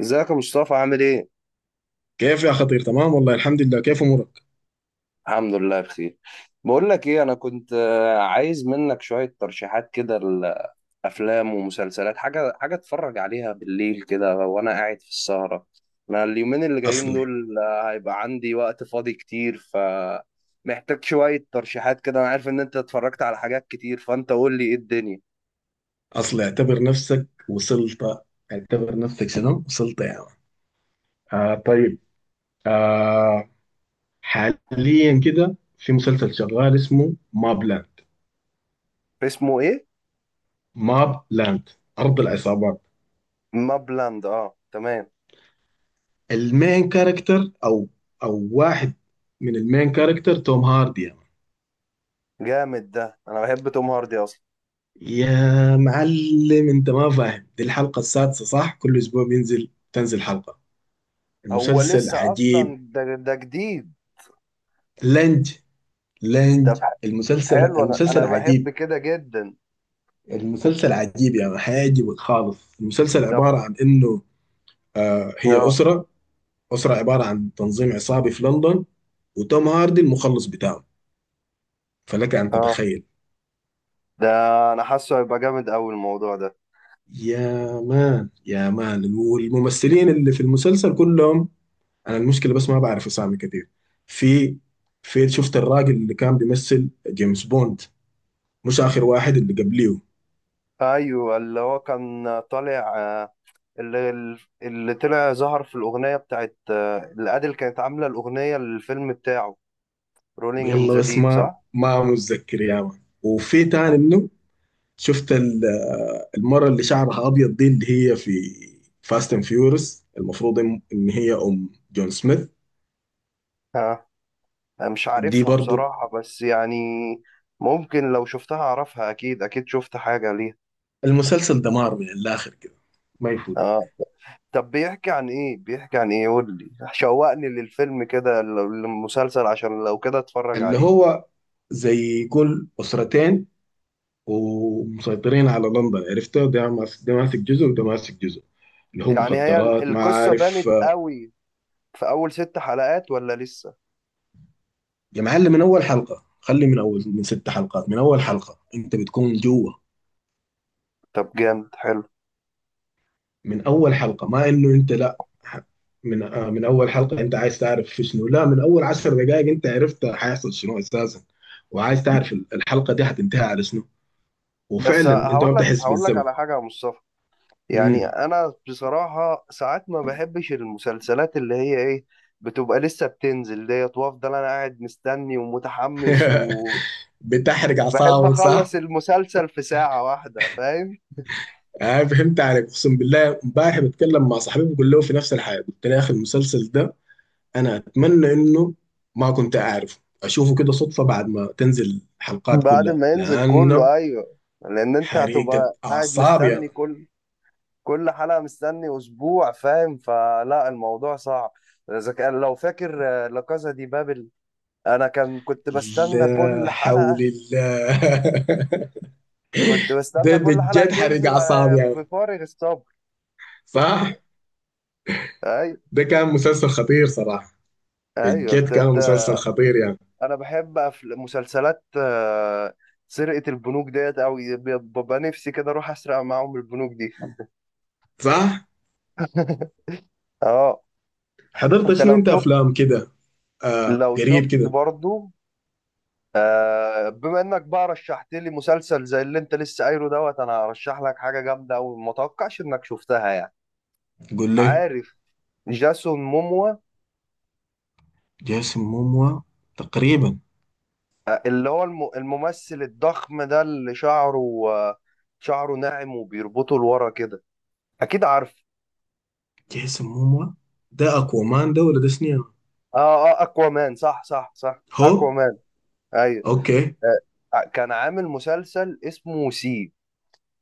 ازيك يا مصطفى؟ عامل ايه؟ كيف يا خطير، تمام والله الحمد لله. كيف امورك؟ الحمد لله بخير. بقول لك ايه، انا كنت عايز منك شوية ترشيحات كده لافلام ومسلسلات، حاجة حاجة اتفرج عليها بالليل كده وانا قاعد في السهرة. انا اليومين اللي جايين اصلي دول هيبقى عندي وقت فاضي كتير، ف محتاج شوية ترشيحات كده. انا عارف ان انت اتفرجت على حاجات كتير، فانت قول لي ايه الدنيا. اصلي اعتبر نفسك وصلت. اعتبر نفسك شنو وصلت يا يعني. آه، طيب. آه، حاليا كده في مسلسل شغال اسمه ماب لاند. اسمه ايه؟ ماب لاند، ارض العصابات. مابلاند، اه تمام. المين كاركتر، او واحد من المين كاركتر توم هاردي يا يعني. جامد ده، انا بحب توم هاردي اصلا. يا معلم، انت ما فاهم؟ دي الحلقة السادسة، صح؟ كل اسبوع تنزل حلقة. هو المسلسل لسه عجيب. اصلا ده جديد لنج ده؟ لاند. المسلسل حلو، انا المسلسل انا بحب عجيب. كده جدا. المسلسل عجيب، يعني هيعجبك خالص. المسلسل طب. عبارة عن إنه هي اه أسرة عبارة عن تنظيم عصابي في لندن، وتوم هاردي المخلص بتاعه. فلك أن اه. تتخيل. ده انا حاسه هيبقى جامد قوي الموضوع ده. يا مان، يا مان، والممثلين اللي في المسلسل كلهم. أنا المشكلة بس ما بعرف أسامي كتير. في في شفت الراجل اللي كان بيمثل جيمس بوند، مش آخر واحد، اللي قبليه. ايوه اللي هو كان طالع اللي اللي طلع ظهر في الاغنيه بتاعت اللي ادل كانت عامله الاغنيه للفيلم بتاعه. رولينج ان يلا ذا بس ديب، ما صح؟ ما متذكر يا مان، وفي تاني منه. شفت ال- المرة اللي شعرها أبيض دي، اللي هي في فاست اند فيورس. المفروض إن هي أم جون سميث. اه انا مش دي عارفها برضو. بصراحه، بس يعني ممكن لو شفتها اعرفها، اكيد اكيد شفت حاجه ليها. المسلسل دمار من الآخر كده، ما اه. يفوتك. طب بيحكي عن ايه؟ بيحكي عن ايه؟ قول لي شوقني للفيلم كده، للمسلسل، عشان لو كده اتفرج اللي عليه. هو زي كل أسرتين، ومسيطرين على لندن. عرفته، ده ماسك، ده ماسك جزء وده ماسك جزء. اللي هو يعني هي مخدرات ما القصة عارف. بانت قوي في اول 6 حلقات ولا لسه؟ يا معلم، من أول حلقة خلي، من أول، من ست حلقات، من أول حلقة أنت بتكون جوا. طب جامد، حلو. من اول حلقه ما انه انت لا من اول حلقه انت عايز تعرف في شنو، لا، من اول عشر دقائق انت عرفت حيحصل شنو اساسا، وعايز تعرف الحلقه دي هتنتهي على شنو. بس وفعلا انت ما هقول لك بتحس هقول لك بالزمن. على حاجة يا مصطفى. يعني مم. انا بصراحة ساعات ما بحبش المسلسلات اللي هي ايه، بتبقى لسه بتنزل ديت وافضل انا قاعد مستني ومتحمس. وبحب بتحرق اعصابك اخلص صح؟ المسلسل في ساعة واحدة، فاهم؟ آه، فهمت عليك. اقسم بالله امبارح بتكلم مع صاحبي بقول له في نفس الحاجه، قلت له يا اخي، المسلسل ده انا اتمنى انه ما كنت اعرفه، اشوفه كده صدفه بعد ما تنزل الحلقات بعد كلها، ما ينزل لانه كله، ايوه، لان انت حريقة هتبقى قاعد أعصاب. مستني كل حلقه، مستني اسبوع، فاهم؟ فلا، الموضوع صعب. اذا كان لو فاكر لا كازا دي بابل، انا كان كنت بستنى لا كل حول حلقه، الله. كنت بستنى ده كل حلقه بجد حرق تنزل اعصاب يعني. بفارغ الصبر. صح. ايوه. ده كان مسلسل خطير صراحه. ايوه. بجد انت كان انت مسلسل خطير يعني. انا بحب مسلسلات سرقه البنوك ديت قوي، ببقى نفسي كده اروح اسرق معاهم البنوك دي. صح. اه. حضرت انت شنو لو انت، شفت افلام كده؟ آه، لو قريب شفت كده. برضو بما انك بقى رشحت لي مسلسل زي اللي انت لسه قايله دوت، انا هرشح لك حاجه جامده وما اتوقعش انك شفتها يعني. قول لي. عارف جاسون موموا؟ جيسون موموا. تقريبا. اللي هو الممثل الضخم ده، اللي شعره آه، شعره ناعم وبيربطه لورا كده، اكيد عارف. جيسون موموا، ده اكوامان ده ولا ده شنو يعني؟ اه اه، اكوامان، صح صح صح، هو. اكوامان. ايوه. اوكي. كان عامل مسلسل اسمه سي.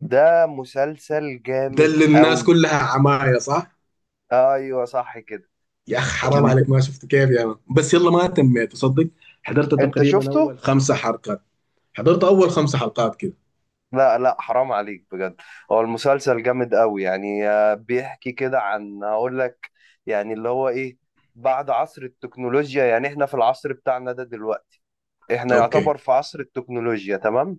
ده مسلسل ده جامد اللي الناس قوي. كلها عماية، صح؟ ايوه صح كده. يا اخ حرام المس- عليك، ما شفت كيف يا مان؟ بس يلا، ما تميت تصدق. حضرت انت تقريبا شفته؟ اول خمسة حلقات. حضرت اول خمس حلقات كده. لا لا، حرام عليك بجد. هو المسلسل جامد قوي يعني. بيحكي كده عن، هقول لك يعني اللي هو ايه. بعد عصر التكنولوجيا، يعني احنا في العصر بتاعنا ده دلوقتي، احنا يعتبر اوكي. في عصر التكنولوجيا، تمام؟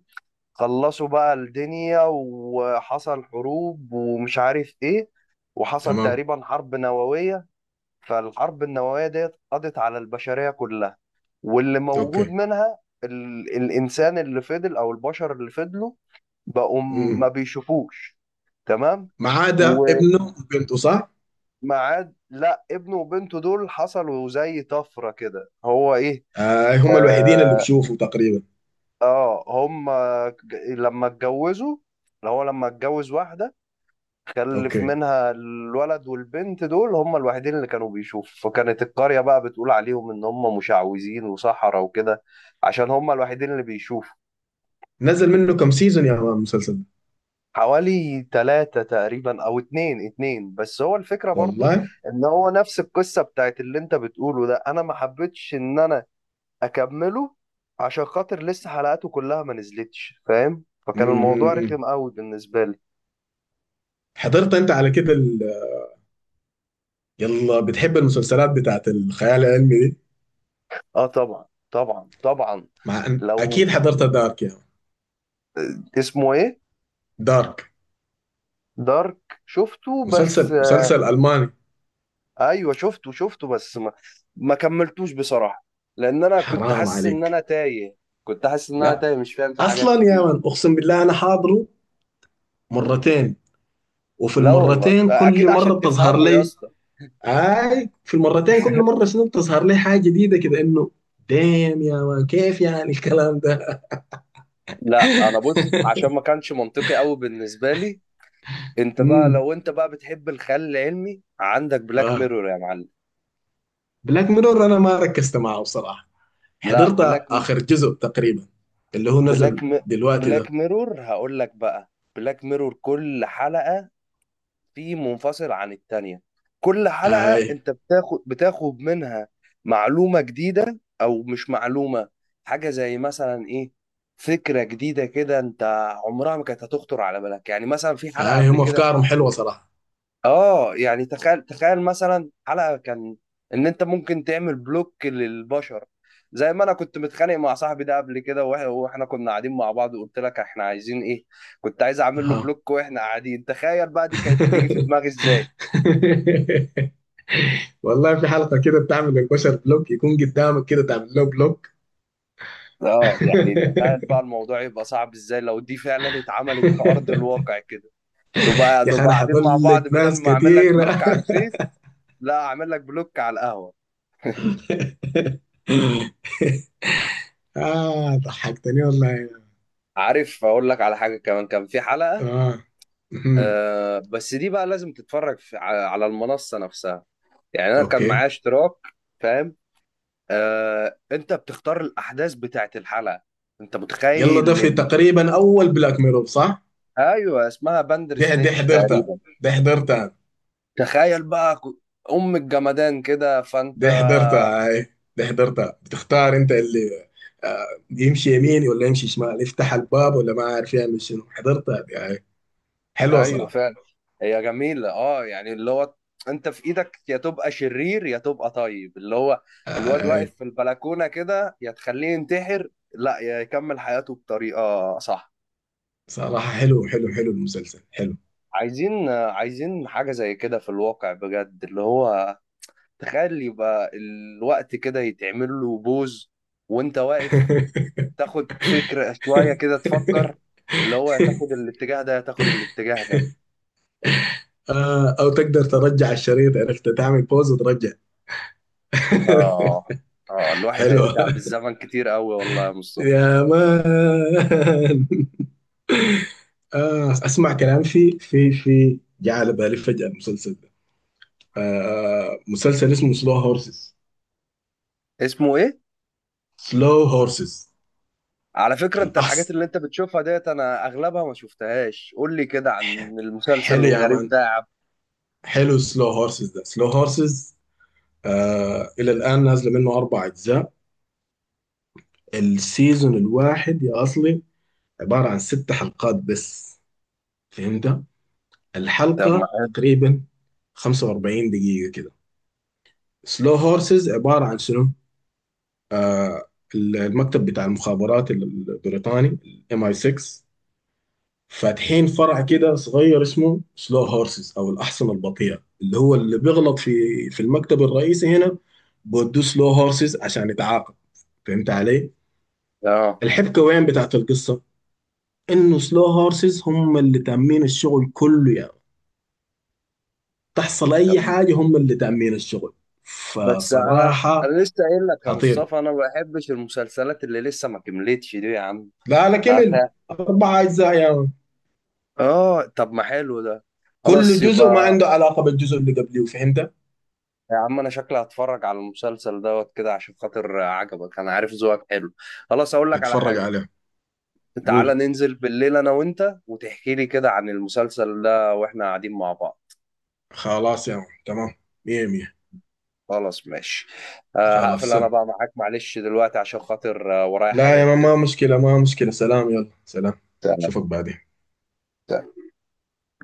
خلصوا بقى الدنيا، وحصل حروب ومش عارف ايه، وحصل تمام. تقريبا حرب نووية. فالحرب النووية ديت قضت على البشرية كلها، واللي موجود اوكي. منها الإنسان اللي فضل، أو البشر اللي فضلوا، بقوا ما امم. بيشوفوش، تمام؟ ما عدا ابنه وبنته، صح؟ ومعاد، لا، ابنه وبنته دول حصلوا زي طفرة كده. هو ايه، آه، هم الوحيدين اللي اه، بشوفوا تقريبا. هم لما اتجوزوا، اللي هو لما اتجوز واحدة، خلف اوكي. منها الولد والبنت دول، هم الوحيدين اللي كانوا بيشوفوا. فكانت القرية بقى بتقول عليهم ان هم مشعوذين وسحرة وكده، عشان هم الوحيدين اللي بيشوفوا. نزل منه كم سيزون يا مان، المسلسل ده؟ حوالي 3 تقريبا، أو اتنين اتنين. بس هو الفكرة برضو والله. إن هو نفس القصة بتاعت اللي أنت بتقوله ده، أنا ما حبيتش إن أنا أكمله عشان خاطر لسه حلقاته كلها ما نزلتش، فاهم؟ فكان الموضوع امم. رخم قوي بالنسبة لي. حضرت انت على كده يلا بتحب المسلسلات بتاعت الخيال العلمي دي، آه طبعا طبعا طبعا. مع ان لو، اكيد حضرت دارك يا مان. اسمه إيه، دارك. دارك؟ شفته بس، مسلسل، مسلسل الماني. أيوه شفته بس ما، ما كملتوش بصراحة، لأن أنا كنت حرام حاسس إن أنا عليك. تايه. كنت حاسس إن أنا لا، تايه، مش فاهم في حاجات اصلا يا كتير. مان اقسم بالله انا حاضره مرتين، وفي لا والله المرتين كل اكيد مره عشان بتظهر تفهمه يا لي. اسطى. اي، في المرتين كل مره شنو بتظهر لي حاجه جديده كده، انه دام يا مان، كيف يعني الكلام ده؟ لا انا بص، عشان ما كانش منطقي قوي بالنسبه لي. انت بقى، امم. لو انت بقى بتحب الخيال العلمي، عندك بلاك اه. ميرور يا معلم. بلاك ميرور انا ما ركزت معه بصراحه. لا. حضرت اخر جزء تقريبا، اللي هو نزل بلاك م... دلوقتي ده. بلاك ميرور هقول لك بقى. بلاك ميرور كل حلقه في منفصل عن التانية. كل اي. حلقة انت بتاخد منها معلومة جديدة او مش معلومة، حاجة زي مثلا ايه، فكرة جديدة كده انت عمرها ما كانت هتخطر على بالك. يعني مثلا في حلقة اي، قبل هم كده، افكارهم حلوه صراحه. اه، يعني تخيل مثلا، حلقة كان ان انت ممكن تعمل بلوك للبشر، زي ما انا كنت متخانق مع صاحبي ده قبل كده، واحنا كنا قاعدين مع بعض وقلت لك احنا عايزين ايه، كنت عايز اعمل له اه. بلوك واحنا قاعدين. تخيل بقى دي كانت هتيجي في دماغي ازاي. والله، في حلقه كده بتعمل البشر بلوك، يكون قدامك كده تعمل له بلوك. اه، يعني تخيل بقى الموضوع يبقى صعب ازاي لو دي فعلا اتعملت في ارض الواقع كده، تبقى يا اخي نبقى انا قاعدين مع بعض، حضلت بدل ناس ما اعمل لك بلوك كثيره. على الفيس، لا اعمل لك بلوك على القهوه. اه، ضحكتني والله. عارف اقول لك على حاجه كمان؟ كان في حلقه، اه. مهم. آه بس دي بقى لازم تتفرج على المنصه نفسها، يعني انا كان معايا اوكي. اشتراك، فاهم؟ انت بتختار الاحداث بتاعت الحلقه، انت يلا، ده متخيل في تقريبا اول بلاك ميرور، صح؟ ايوه اسمها باندر دي سنيتش حضرتها. تقريبا. دي حضرتها. تخيل بقى ام الجمدان كده فانت، دي حضرتها هاي. دي حضرتها، بتختار انت اللي آه، يمشي يمين ولا يمشي شمال، يفتح الباب ولا ما عارف يعمل شنو. حضرتها دي هاي. حلوة ايوه صراحة. فعلا، هي جميلة. اه، يعني اللي هو انت في ايدك، يا تبقى شرير يا تبقى طيب، اللي هو آه، الواد هاي. واقف في البلكونة كده، يا تخليه ينتحر لا يا يكمل حياته بطريقة صح. صراحة حلو حلو حلو، المسلسل حلو. عايزين حاجة زي كده في الواقع بجد، اللي هو تخيل يبقى الوقت كده يتعمل له بوز وانت واقف، تاخد فكرة شوية كده تفكر، اللي هو يا تاخد الاتجاه ده يا تاخد الاتجاه ده. آه، او تقدر ترجع الشريط، عرفت تعمل بوز وترجع. اه اه، الواحد حلوة هيرجع بالزمن كتير قوي والله يا مصطفى. يا مان. آه، اسمع كلام، في في في جاء على بالي فجأة المسلسل ده. آه، مسلسل اسمه سلو هورسز. اسمه ايه؟ سلو هورسز. على فكرة، انت الحاجات الأحس اللي انت بتشوفها ديت انا اغلبها ما شفتهاش. قول لي كده عن ح- المسلسل حلو يا الغريب مان. ده يا عبد. حلو. سلو هورسز، ده سلو هورسز آه، إلى الآن نازلة منه أربع أجزاء. السيزون الواحد يا أصلي عبارة عن ست حلقات بس. فهمت؟ طب ما، الحلقة تقريبا 45 دقيقة كده. سلو هورسز عبارة عن شنو؟ المكتب بتاع المخابرات البريطاني، ام اي 6، فاتحين فرع كده صغير اسمه سلو هورسز او الاحصنه البطيئه، اللي هو اللي بيغلط في المكتب الرئيسي هنا بودوه سلو هورسز عشان يتعاقب. فهمت علي؟ اه. الحبكه وين بتاعت القصه؟ انه سلو هورسز هم اللي تامين الشغل كله يعني. تحصل طب اي حاجه هم اللي تامين الشغل. بس انا فصراحه انا لسه قايل لك يا خطير. مصطفى، انا ما بحبش المسلسلات اللي لسه ما كملتش دي يا عم. لا لا، هات كمل. هات. اربع اجزاء يعني، اه طب، ما حلو ده، كل خلاص جزء ما يبقى. عنده علاقة بالجزء اللي قبليه. فهمت؟ يا عم انا شكلي هتفرج على المسلسل دوت كده عشان خاطر عجبك، انا عارف ذوقك حلو. خلاص اقول لك على اتفرج حاجة، عليه. تعالى قول. ننزل بالليل انا وانت، وتحكي لي كده عن المسلسل ده واحنا قاعدين مع بعض. خلاص يا عم، تمام، مية مية. خلاص ماشي. خلاص هقفل انا سلام. بقى معاك، معلش دلوقتي، عشان خاطر ورايا لا يا، حاجات ما كده. مشكلة، ما مشكلة، سلام، يلا سلام. اشوفك بعدين. تمام.